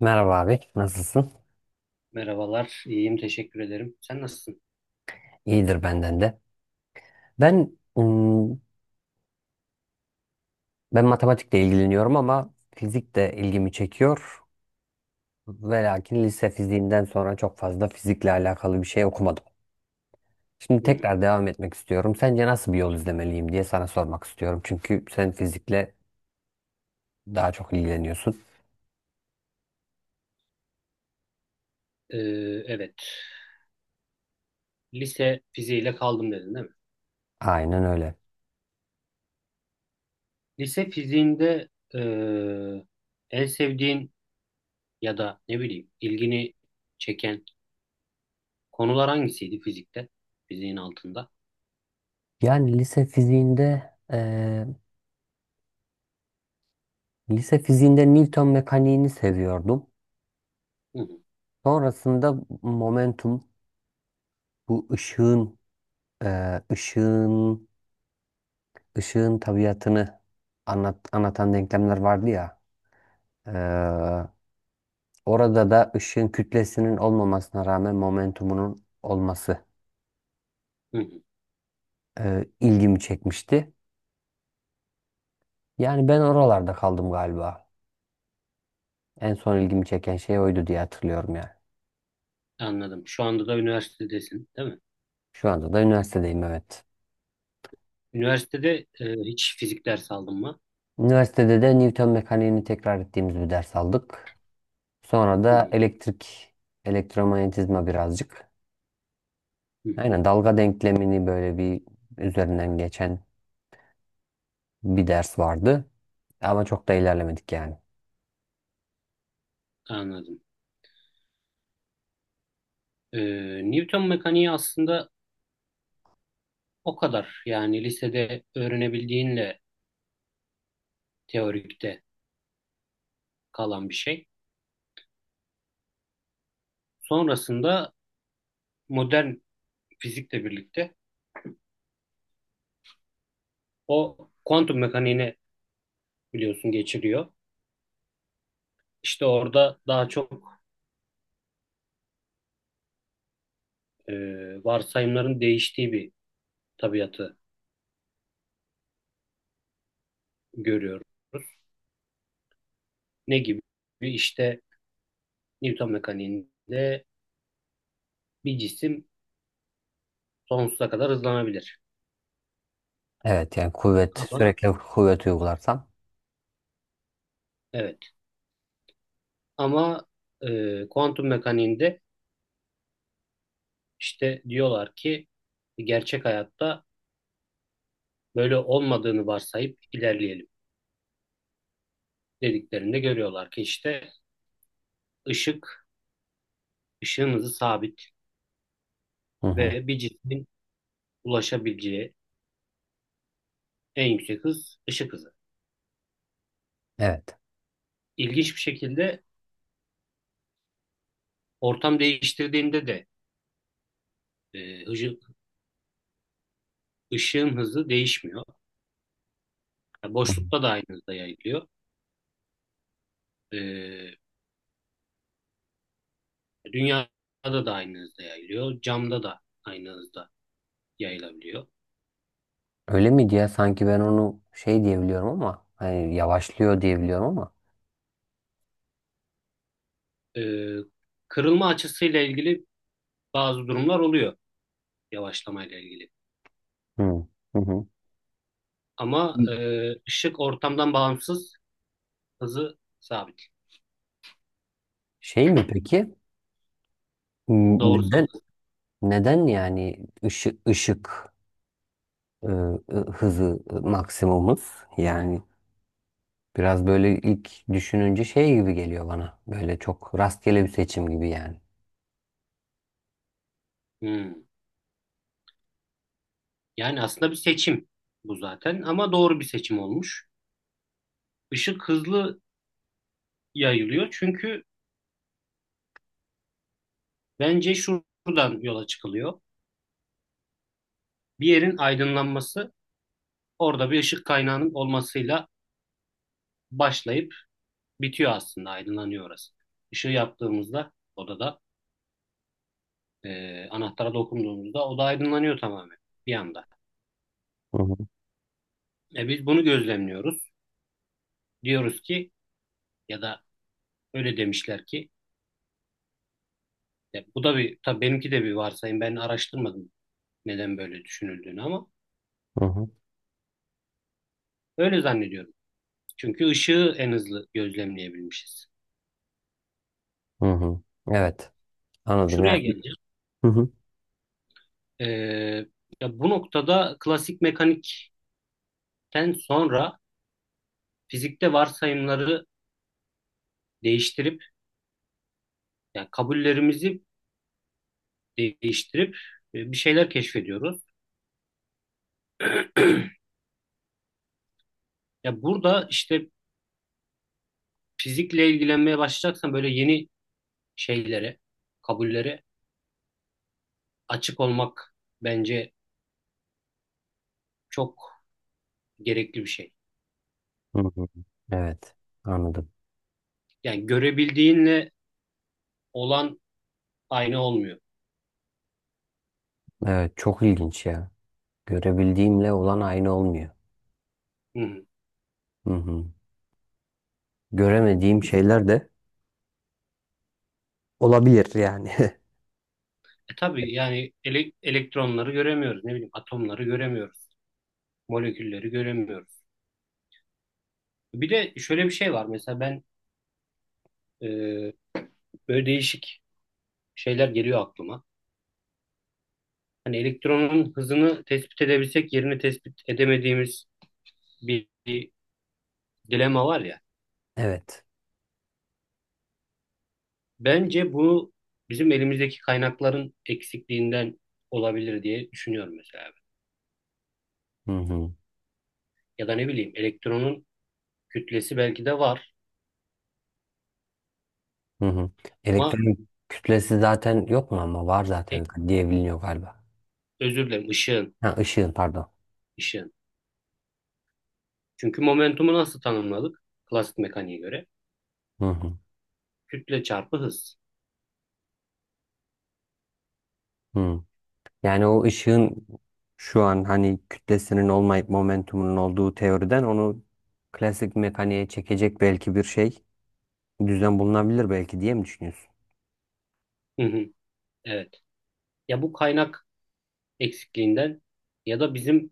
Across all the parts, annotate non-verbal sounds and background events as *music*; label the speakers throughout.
Speaker 1: Merhaba abi, nasılsın?
Speaker 2: Merhabalar, iyiyim, teşekkür ederim. Sen nasılsın?
Speaker 1: İyidir benden de. Ben ım, Ben matematikle ilgileniyorum ama fizik de ilgimi çekiyor. Ve lakin lise fiziğinden sonra çok fazla fizikle alakalı bir şey okumadım. Şimdi
Speaker 2: Hmm,
Speaker 1: tekrar devam etmek istiyorum. Sence nasıl bir yol izlemeliyim diye sana sormak istiyorum. Çünkü sen fizikle daha çok ilgileniyorsun.
Speaker 2: ee, evet, lise fiziğiyle kaldım dedin değil mi?
Speaker 1: Aynen öyle.
Speaker 2: Lise fiziğinde ee, en sevdiğin ya da ne bileyim ilgini çeken konular hangisiydi fizikte? Fiziğin altında.
Speaker 1: Yani lise fiziğinde lise fiziğinde Newton mekaniğini seviyordum.
Speaker 2: Hı hı,
Speaker 1: Sonrasında momentum, bu ışığın, e, ışığın ışığın tabiatını anlatan denklemler vardı ya. E, Orada da ışığın kütlesinin olmamasına rağmen momentumunun olması
Speaker 2: hı hı.
Speaker 1: ilgimi çekmişti. Yani ben oralarda kaldım galiba. En son ilgimi çeken şey oydu diye hatırlıyorum yani.
Speaker 2: Anladım. Şu anda da üniversitedesin, değil mi?
Speaker 1: Şu anda da üniversitedeyim, evet.
Speaker 2: Üniversitede hiç fizik dersi aldın mı?
Speaker 1: Üniversitede de Newton mekaniğini tekrar ettiğimiz bir ders aldık. Sonra
Speaker 2: Hı
Speaker 1: da
Speaker 2: hı,
Speaker 1: elektrik, elektromanyetizma birazcık.
Speaker 2: hı hı.
Speaker 1: Aynen, dalga denklemini böyle bir üzerinden geçen bir ders vardı. Ama çok da ilerlemedik yani.
Speaker 2: Anladım. Newton mekaniği aslında o kadar. Yani lisede öğrenebildiğinle teorikte kalan bir şey. Sonrasında modern fizikle birlikte o kuantum mekaniğine biliyorsun geçiriyor. İşte orada daha çok e, varsayımların değiştiği bir tabiatı görüyoruz. Ne gibi? İşte Newton mekaniğinde bir cisim sonsuza kadar hızlanabilir.
Speaker 1: Evet, yani kuvvet,
Speaker 2: Ama
Speaker 1: sürekli kuvvet uygularsam.
Speaker 2: evet ama kuantum mekaniğinde işte diyorlar ki gerçek hayatta böyle olmadığını varsayıp ilerleyelim, dediklerinde görüyorlar ki işte ışık, ışığın hızı sabit
Speaker 1: Hı hı.
Speaker 2: ve bir cismin ulaşabileceği en yüksek hız ışık hızı.
Speaker 1: Evet.
Speaker 2: İlginç bir şekilde ortam değiştirdiğinde de ışık, ışığın hızı değişmiyor. Yani
Speaker 1: Hı hı.
Speaker 2: boşlukta da aynı hızda yayılıyor. E, dünyada da aynı hızda yayılıyor. Camda da aynı hızda yayılabiliyor.
Speaker 1: Öyle miydi ya? Sanki ben onu şey diyebiliyorum, ama hani yavaşlıyor diyebiliyorum ama.
Speaker 2: E, kırılma açısıyla ilgili bazı durumlar oluyor yavaşlamayla ilgili.
Speaker 1: Hı hı. Hı.
Speaker 2: Ama ışık ortamdan bağımsız hızı sabit.
Speaker 1: Şey mi peki?
Speaker 2: Doğrusal
Speaker 1: Neden,
Speaker 2: hız.
Speaker 1: yani ışık, e, hızı maksimumuz yani. Biraz böyle ilk düşününce şey gibi geliyor bana. Böyle çok rastgele bir seçim gibi yani.
Speaker 2: Hmm. Yani aslında bir seçim bu zaten ama doğru bir seçim olmuş. Işık hızlı yayılıyor çünkü bence şuradan yola çıkılıyor. Bir yerin aydınlanması orada bir ışık kaynağının olmasıyla başlayıp bitiyor aslında, aydınlanıyor orası. Işığı yaptığımızda odada, anahtara dokunduğumuzda oda aydınlanıyor tamamen bir anda.
Speaker 1: Hı hı,
Speaker 2: Biz bunu gözlemliyoruz. Diyoruz ki, ya da öyle demişler ki. Ya bu da bir, tabii benimki de bir varsayım. Ben araştırmadım neden böyle düşünüldüğünü ama
Speaker 1: hı hı,
Speaker 2: öyle zannediyorum. Çünkü ışığı en hızlı gözlemleyebilmişiz.
Speaker 1: hı hı. Evet, anladım
Speaker 2: Şuraya
Speaker 1: yani.
Speaker 2: geleceğim.
Speaker 1: Hı hı,
Speaker 2: Ee, ya bu noktada klasik mekanikten sonra fizikte varsayımları değiştirip, yani kabullerimizi değiştirip bir şeyler keşfediyoruz. Ya burada işte fizikle ilgilenmeye başlayacaksan böyle yeni şeylere, kabullere açık olmak bence çok gerekli bir şey.
Speaker 1: hı hı. Evet, anladım.
Speaker 2: Yani görebildiğinle olan aynı olmuyor.
Speaker 1: Evet, çok ilginç ya. Görebildiğimle olan aynı olmuyor.
Speaker 2: Hı hı.
Speaker 1: Hı hı. Göremediğim şeyler de olabilir yani. *laughs*
Speaker 2: E tabii yani elektronları göremiyoruz. Ne bileyim, atomları göremiyoruz. Molekülleri göremiyoruz. Bir de şöyle bir şey var. Mesela ben e, böyle değişik şeyler geliyor aklıma. Hani elektronun hızını tespit edebilsek yerini tespit edemediğimiz bir dilema var ya.
Speaker 1: Evet.
Speaker 2: Bence bu bizim elimizdeki kaynakların eksikliğinden olabilir diye düşünüyorum, mesela ben.
Speaker 1: Hı hı,
Speaker 2: Ya da ne bileyim, elektronun kütlesi belki de var
Speaker 1: hı hı.
Speaker 2: ama
Speaker 1: Elektron kütlesi zaten yok mu, ama var
Speaker 2: E,
Speaker 1: zaten diye biliniyor galiba.
Speaker 2: özür dilerim, ışığın,
Speaker 1: Ha, ışığın, pardon.
Speaker 2: ışığın. Çünkü momentumu nasıl tanımladık? Klasik mekaniğe göre.
Speaker 1: Hı hı.
Speaker 2: Kütle çarpı hız.
Speaker 1: Hı. Yani o ışığın şu an hani kütlesinin olmayıp momentumunun olduğu teoriden onu klasik mekaniğe çekecek belki bir şey, düzen bulunabilir belki diye mi düşünüyorsun?
Speaker 2: Hı hı, evet. Ya bu kaynak eksikliğinden ya da bizim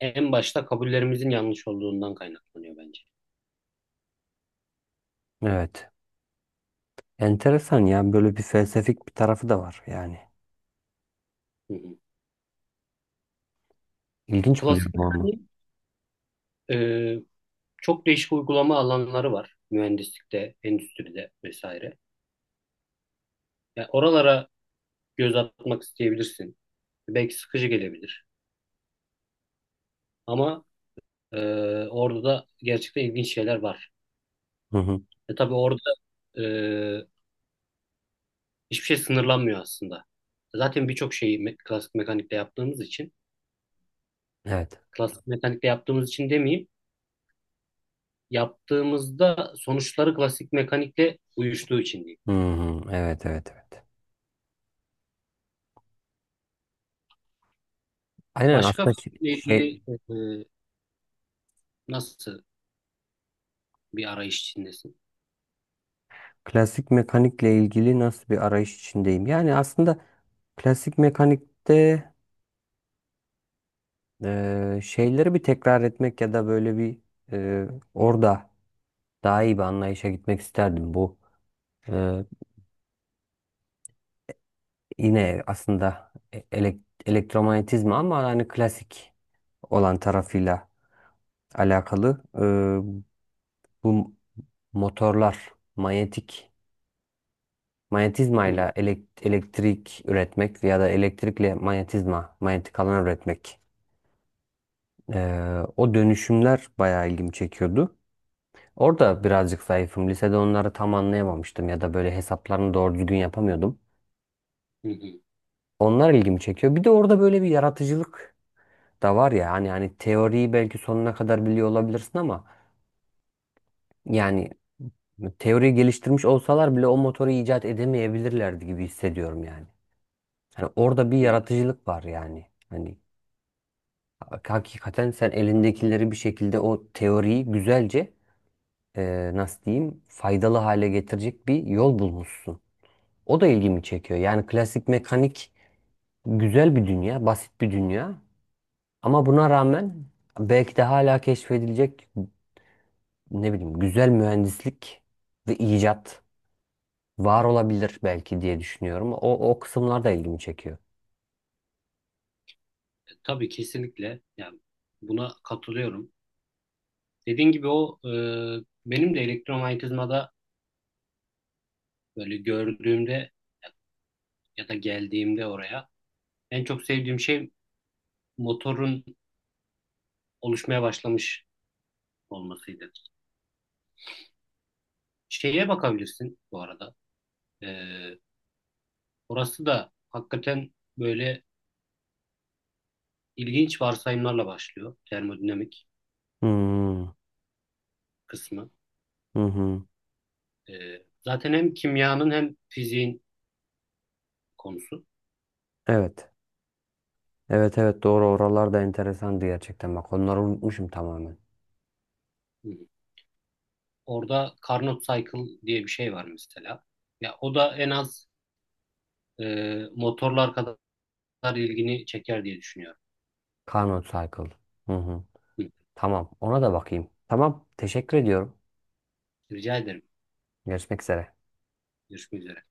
Speaker 2: en başta kabullerimizin yanlış olduğundan kaynaklanıyor bence.
Speaker 1: Evet. Enteresan ya, böyle bir felsefik bir tarafı da var yani.
Speaker 2: Hı hı.
Speaker 1: İlginç buluyorum
Speaker 2: Klasik
Speaker 1: onu.
Speaker 2: mekanik, e, çok değişik uygulama alanları var. Mühendislikte, endüstride vesaire. Ya oralara göz atmak isteyebilirsin. Belki sıkıcı gelebilir. Ama e, orada da gerçekten ilginç şeyler var.
Speaker 1: Hı hı.
Speaker 2: E tabii orada e, hiçbir şey sınırlanmıyor aslında. Zaten birçok şeyi klasik mekanikte yaptığımız için,
Speaker 1: Evet.
Speaker 2: klasik mekanikte yaptığımız için demeyeyim, yaptığımızda sonuçları klasik mekanikle uyuştuğu için diyeyim.
Speaker 1: Hı hı. Evet evet evet. Aynen,
Speaker 2: Başka
Speaker 1: aslında şey,
Speaker 2: fizikle
Speaker 1: şey
Speaker 2: ilgili nasıl bir arayış içindesin?
Speaker 1: klasik mekanikle ilgili nasıl bir arayış içindeyim. Yani aslında klasik mekanikte şeyleri bir tekrar etmek ya da böyle bir eee, orada daha iyi bir anlayışa gitmek isterdim. Bu eee, yine aslında elektromanyetizma ama hani klasik olan tarafıyla alakalı. Bu motorlar, manyetizmayla
Speaker 2: Hı,
Speaker 1: elektrik üretmek ya da elektrikle, manyetik alan üretmek. O dönüşümler bayağı ilgimi çekiyordu. Orada birazcık zayıfım. Lisede onları tam anlayamamıştım ya da böyle hesaplarını doğru düzgün yapamıyordum.
Speaker 2: hı, hı,
Speaker 1: Onlar ilgimi çekiyor. Bir de orada böyle bir yaratıcılık da var ya, hani teoriyi belki sonuna kadar biliyor olabilirsin ama yani teoriyi geliştirmiş olsalar bile o motoru icat edemeyebilirlerdi gibi hissediyorum yani. Hani orada bir
Speaker 2: hı.
Speaker 1: yaratıcılık var yani. Hani hakikaten sen elindekileri bir şekilde o teoriyi güzelce, nasıl diyeyim, faydalı hale getirecek bir yol bulmuşsun. O da ilgimi çekiyor. Yani klasik mekanik güzel bir dünya, basit bir dünya. Ama buna rağmen belki de hala keşfedilecek, ne bileyim, güzel mühendislik ve icat var olabilir belki diye düşünüyorum. O kısımlar da ilgimi çekiyor.
Speaker 2: Tabii kesinlikle, yani buna katılıyorum. Dediğin gibi o, benim de elektromanyetizmada böyle gördüğümde ya da geldiğimde oraya en çok sevdiğim şey motorun oluşmaya başlamış olmasıydı. Şeye bakabilirsin bu arada. Ee, orası da hakikaten böyle ilginç varsayımlarla başlıyor. Termodinamik
Speaker 1: Hmm.
Speaker 2: kısmı.
Speaker 1: Hı hı.
Speaker 2: Zaten hem kimyanın hem fiziğin konusu.
Speaker 1: Evet. Evet evet, doğru, oralar da enteresandı gerçekten. Bak, onları unutmuşum tamamen.
Speaker 2: Hı. Orada Carnot Cycle diye bir şey var mesela. Ya o da en az e, motorlar kadar ilgini çeker diye düşünüyorum.
Speaker 1: Carnot Cycle. Hı hı.
Speaker 2: Hı.
Speaker 1: Tamam, ona da bakayım. Tamam, teşekkür ediyorum.
Speaker 2: Rica ederim.
Speaker 1: Görüşmek üzere.
Speaker 2: Görüşmek üzere.